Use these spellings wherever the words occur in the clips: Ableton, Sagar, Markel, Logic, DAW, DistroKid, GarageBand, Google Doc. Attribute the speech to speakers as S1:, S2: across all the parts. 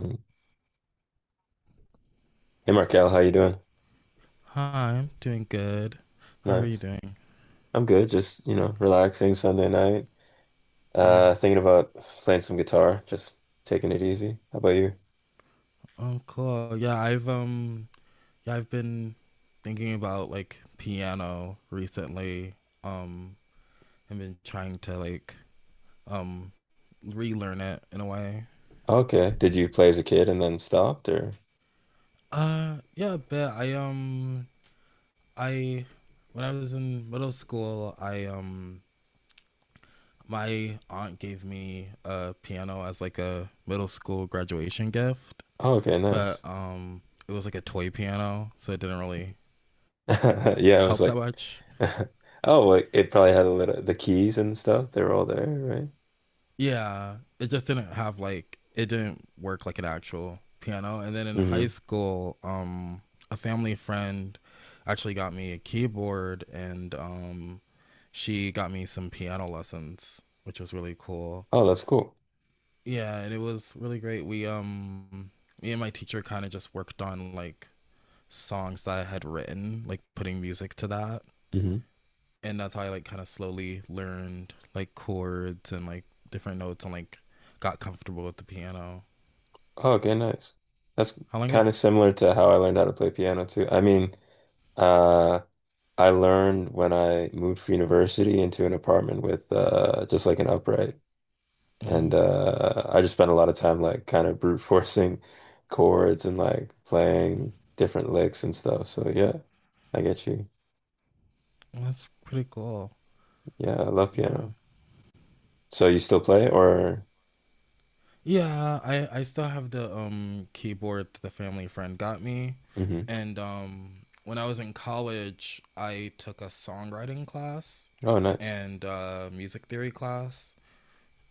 S1: Mm. Hey Markel, how you doing?
S2: Hi, I'm doing good. How are you
S1: Nice.
S2: doing?
S1: I'm good. Just, you know, relaxing Sunday night.
S2: Mm,
S1: Thinking about playing some guitar, just taking it easy. How about you?
S2: oh, cool. Yeah, I've been thinking about like piano recently. Um, I've been trying to like um, relearn it in a way.
S1: Okay. Did you play as a kid and then stopped or?
S2: Yeah, a bit. I when I was in middle school, I my aunt gave me a piano as like a middle school graduation gift.
S1: Oh, okay,
S2: But
S1: nice.
S2: it was like a toy piano, so it didn't really
S1: Yeah, I was
S2: help that
S1: like,
S2: much.
S1: oh, well, it probably had a little the keys and stuff. They were all there, right?
S2: Yeah, it just didn't have like it didn't work like an actual piano. And then in high
S1: Hmm.
S2: school, a family friend actually got me a keyboard, and she got me some piano lessons, which was really cool.
S1: Oh, that's cool.
S2: Yeah, and it was really great. We Me and my teacher kind of just worked on like songs that I had written, like putting music to that,
S1: Hmm.
S2: and that's how I like kind of slowly learned like chords and like different notes and like got comfortable with the piano.
S1: Oh, okay, nice. That's
S2: How long have?
S1: kind of similar to how I learned how to play piano too. I mean, uh, I learned when I moved for university into an apartment with just like an upright.
S2: Hmm.
S1: And I just spent a lot of time like kind of brute forcing chords and like playing different licks and stuff. So yeah, I get you.
S2: That's pretty cool.
S1: Yeah, I love
S2: Yeah,
S1: piano. So you still play or?
S2: yeah. I still have the keyboard that the family friend got me,
S1: Hmm.
S2: and when I was in college, I took a songwriting class
S1: Oh, nice.
S2: and music theory class,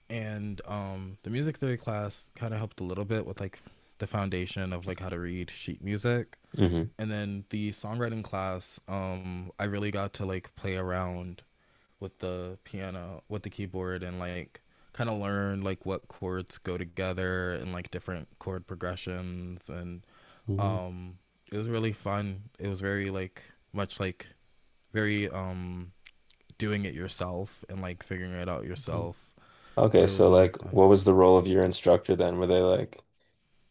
S2: and the music theory class kind of helped a little bit with like the foundation of like how to read sheet music,
S1: Hmm.
S2: and then the songwriting class I really got to like play around with the piano with the keyboard and like kind of learn like what chords go together and like different chord progressions. And
S1: Hmm.
S2: um it was really fun, it was very like much like very doing it yourself and like figuring it out yourself,
S1: Okay,
S2: but it was
S1: so
S2: really
S1: like
S2: fun.
S1: what was the role of your instructor then? Were they like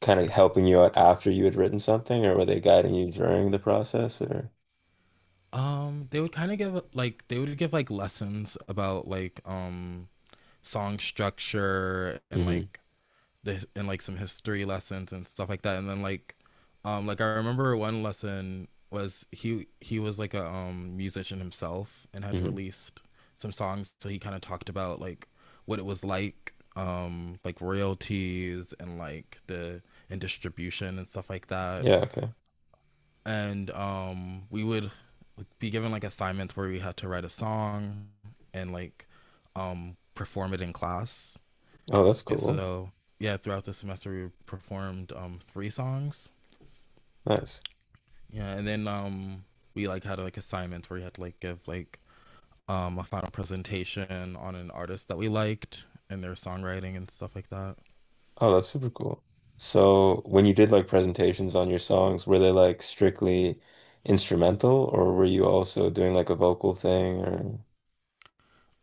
S1: kind of helping you out after you had written something or were they guiding you during the process or?
S2: Um, they would kind of give like they would give like lessons about like song structure and
S1: Hmm.
S2: like the in like some history lessons and stuff like that. And then like I remember one lesson was he was like a musician himself and had
S1: Hmm.
S2: released some songs, so he kind of talked about like what it was like royalties and like the and distribution and stuff like that.
S1: Yeah, okay.
S2: And we would, like, be given like assignments where we had to write a song and like perform it in class.
S1: Oh, that's
S2: And
S1: cool.
S2: so, yeah, throughout the semester we performed three songs.
S1: Nice.
S2: Yeah, and then we like had like assignments where you had to like give like a final presentation on an artist that we liked and their songwriting and stuff like that.
S1: Oh, that's super cool. So, when you did like presentations on your songs, were they like strictly instrumental or were you also doing like a vocal thing or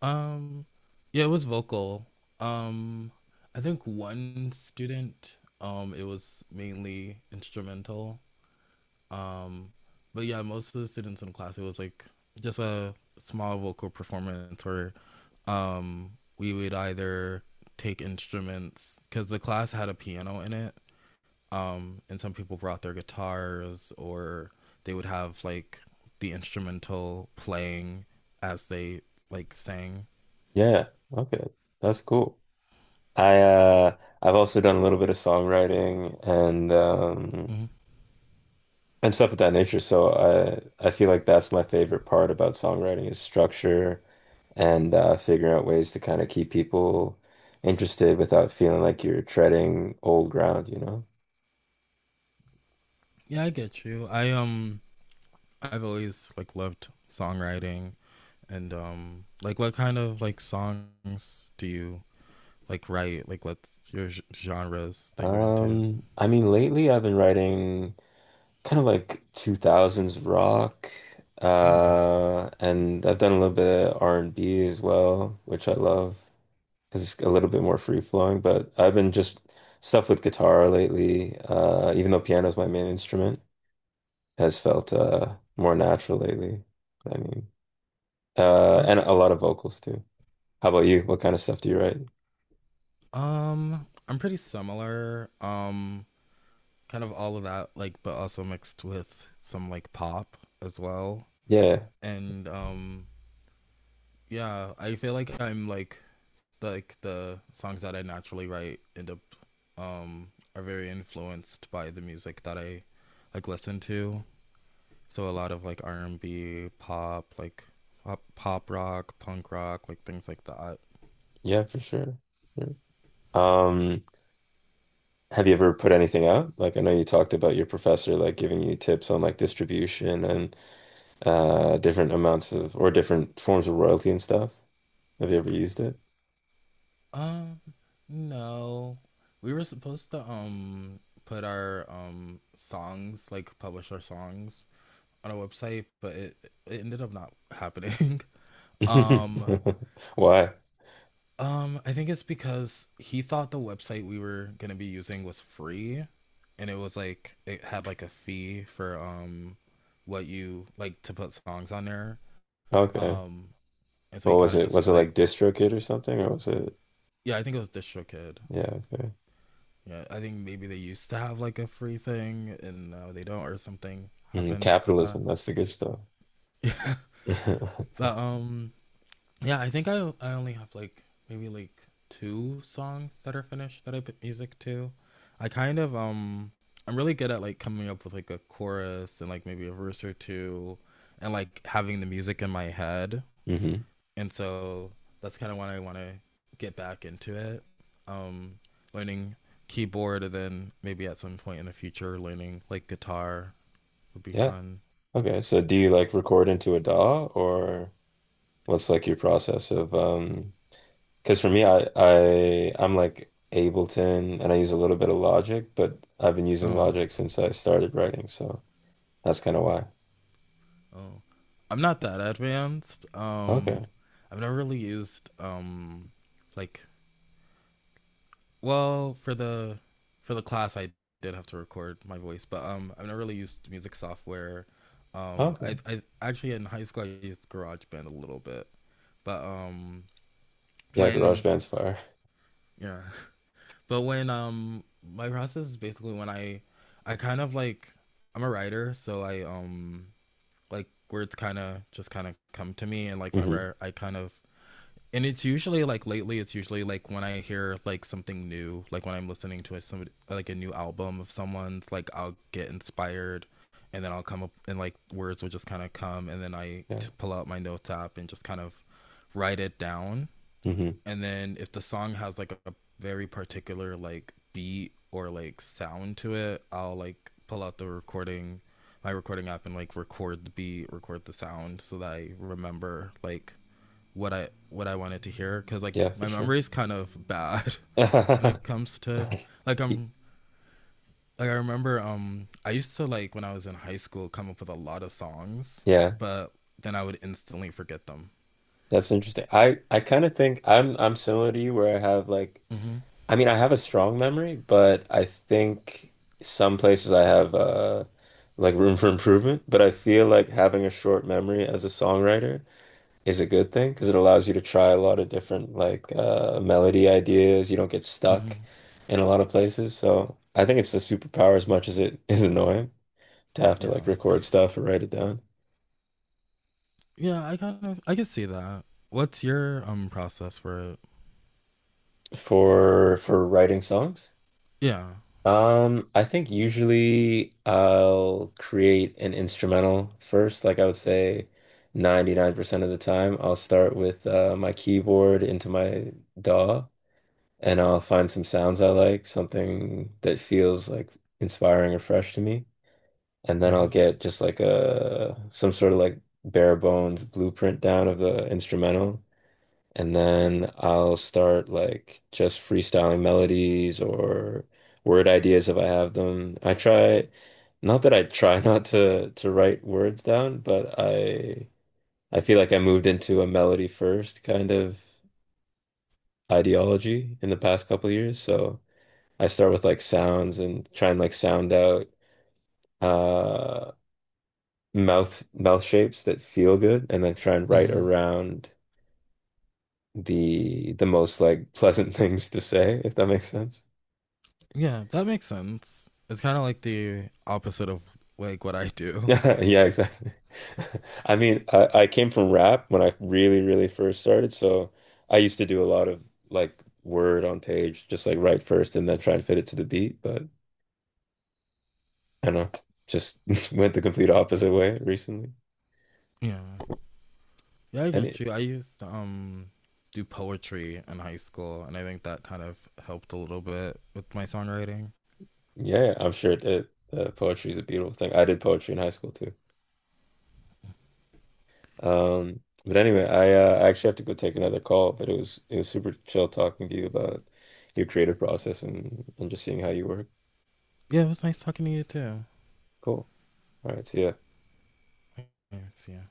S2: Um, yeah, it was vocal. Um, I think one student it was mainly instrumental. Um, but yeah, most of the students in class, it was like just a small vocal performance where, um, we would either take instruments because the class had a piano in it, and some people brought their guitars, or they would have like the instrumental playing as they like sang.
S1: yeah, okay. That's cool. I I've also done a little bit of songwriting and um
S2: Mhm.
S1: and stuff of that nature. So I feel like that's my favorite part about songwriting is structure and figuring out ways to kind of keep people interested without feeling like you're treading old ground, you know?
S2: Yeah, I get you. I've always like loved songwriting, and like what kind of like songs do you like write, like what's your genres that you're into?
S1: I mean, lately I've been writing kind of like 2000s rock,
S2: Oh,
S1: and I've done a little bit of R&B as well, which I love because it's a little bit more free flowing. But I've been just stuff with guitar lately, even though piano is my main instrument. Has felt more natural lately. I mean,
S2: well,
S1: and a lot of vocals too. How about you? What kind of stuff do you write?
S2: I'm pretty similar, kind of all of that like but also mixed with some like pop as well.
S1: Yeah,
S2: And yeah I feel like I'm like like the songs that I naturally write end up um are very influenced by the music that I like listen to, so a lot of like R&B pop like pop, pop rock, punk rock, like things like that.
S1: yeah, for sure. Sure. Um, have you ever put anything out? Like, I know you talked about your professor like giving you tips on like distribution and different amounts of or different forms of royalty and stuff. Have you ever used it?
S2: Um, no. We were supposed to put our songs, like publish our songs on a website, but it ended up not happening. Um,
S1: Why?
S2: I think it's because he thought the website we were going to be using was free, and it was like it had like a fee for what you like to put songs on there.
S1: Okay.
S2: Um, and so he
S1: What was
S2: kind of
S1: it?
S2: just
S1: Was
S2: was
S1: it
S2: like,
S1: like DistroKid or something, or was it?
S2: yeah, I think it was DistroKid.
S1: Yeah. Okay.
S2: Yeah, I think maybe they used to have like a free thing and now they don't or something
S1: Mm,
S2: happened with that.
S1: capitalism. That's the good stuff.
S2: But yeah, I think I only have like maybe like two songs that are finished that I put music to. I kind of I'm really good at like coming up with like a chorus and like maybe a verse or two and like having the music in my head,
S1: Hmm.
S2: and so that's kind of when I want to get back into it. Um, learning keyboard, and then maybe at some point in the future, learning like guitar would be
S1: Yeah.
S2: fun.
S1: Okay. So, do you like record into a DAW or? What's like your process of because for me I'm like Ableton and I use a little bit of Logic, but I've been using
S2: Oh,
S1: Logic since I started writing, so that's kind of why.
S2: oh, I'm not that advanced.
S1: Okay.
S2: I've never really used like well, for the class I did have to record my voice, but I've never really used music software.
S1: Okay.
S2: I actually in high school I used GarageBand a little bit, but
S1: Yeah,
S2: when
S1: GarageBand's fire.
S2: Yeah. But when my process is basically when I kind of like I'm a writer, so I like words kind of just kind of come to me and like
S1: Hmm.
S2: whenever I kind of and it's usually like lately it's usually like when I hear like something new, like when I'm listening to a, somebody like a new album of someone's like I'll get inspired, and then I'll come up and like words will just kind of come and then I t-
S1: Yeah.
S2: pull out my notes app and just kind of write it down.
S1: Hmm.
S2: And then if the song has like a very particular like beat or like sound to it, I'll like pull out the recording, my recording app, and like record the beat, record the sound, so that I remember like what I wanted to hear. Cause like
S1: Yeah, for
S2: my
S1: sure.
S2: memory is kind of bad when it comes to like
S1: Y-
S2: I'm like I remember I used to like when I was in high school come up with a lot of songs,
S1: Yeah,
S2: but then I would instantly forget them.
S1: that's interesting. I kind of think I'm similar to you where I have like
S2: Mm-hmm.
S1: I mean, I have a strong memory, but I think some places I have like room for improvement, but I feel like having a short memory as a songwriter is a good thing because it allows you to try a lot of different like melody ideas. You don't get
S2: Mm-hmm.
S1: stuck in a lot of places. So I think it's a superpower as much as it is annoying to have to
S2: Yeah,
S1: like record stuff or write it down
S2: yeah, I kind of I can see that. What's your process for it?
S1: for writing songs.
S2: Yeah.
S1: I think usually I'll create an instrumental first. Like I would say 99% of the time, I'll start with my keyboard into my DAW and I'll find some sounds I like, something that feels like inspiring or fresh to me. And then I'll
S2: Hmm.
S1: get just like a some sort of like bare bones blueprint down of the instrumental. And then I'll start like just freestyling melodies or word ideas if I have them. I try, not that I try not to write words down, but I feel like I moved into a melody first kind of ideology in the past couple of years. So I start with like sounds and try and like sound out uh mouth shapes that feel good and then try and write
S2: Hmm.
S1: around the most like pleasant things to say, if that makes sense.
S2: Yeah, that makes sense. It's kind of like the opposite of like what I do.
S1: Yeah, exactly. I mean, I came from rap when I really, really first started, so I used to do a lot of like word on page, just like write first and then try and fit it to the beat, but I don't know, just went the complete opposite way recently.
S2: Yeah. Yeah, I
S1: And
S2: get
S1: it,
S2: you. I used to do poetry in high school, and I think that kind of helped a little bit with my songwriting.
S1: yeah, I'm sure it, poetry is a beautiful thing. I did poetry in high school too. But anyway, I actually have to go take another call, but it was super chill talking to you about your creative process and just seeing how you work.
S2: Yeah, it was nice talking to you too.
S1: Cool. All right, see ya.
S2: Thanks, yeah.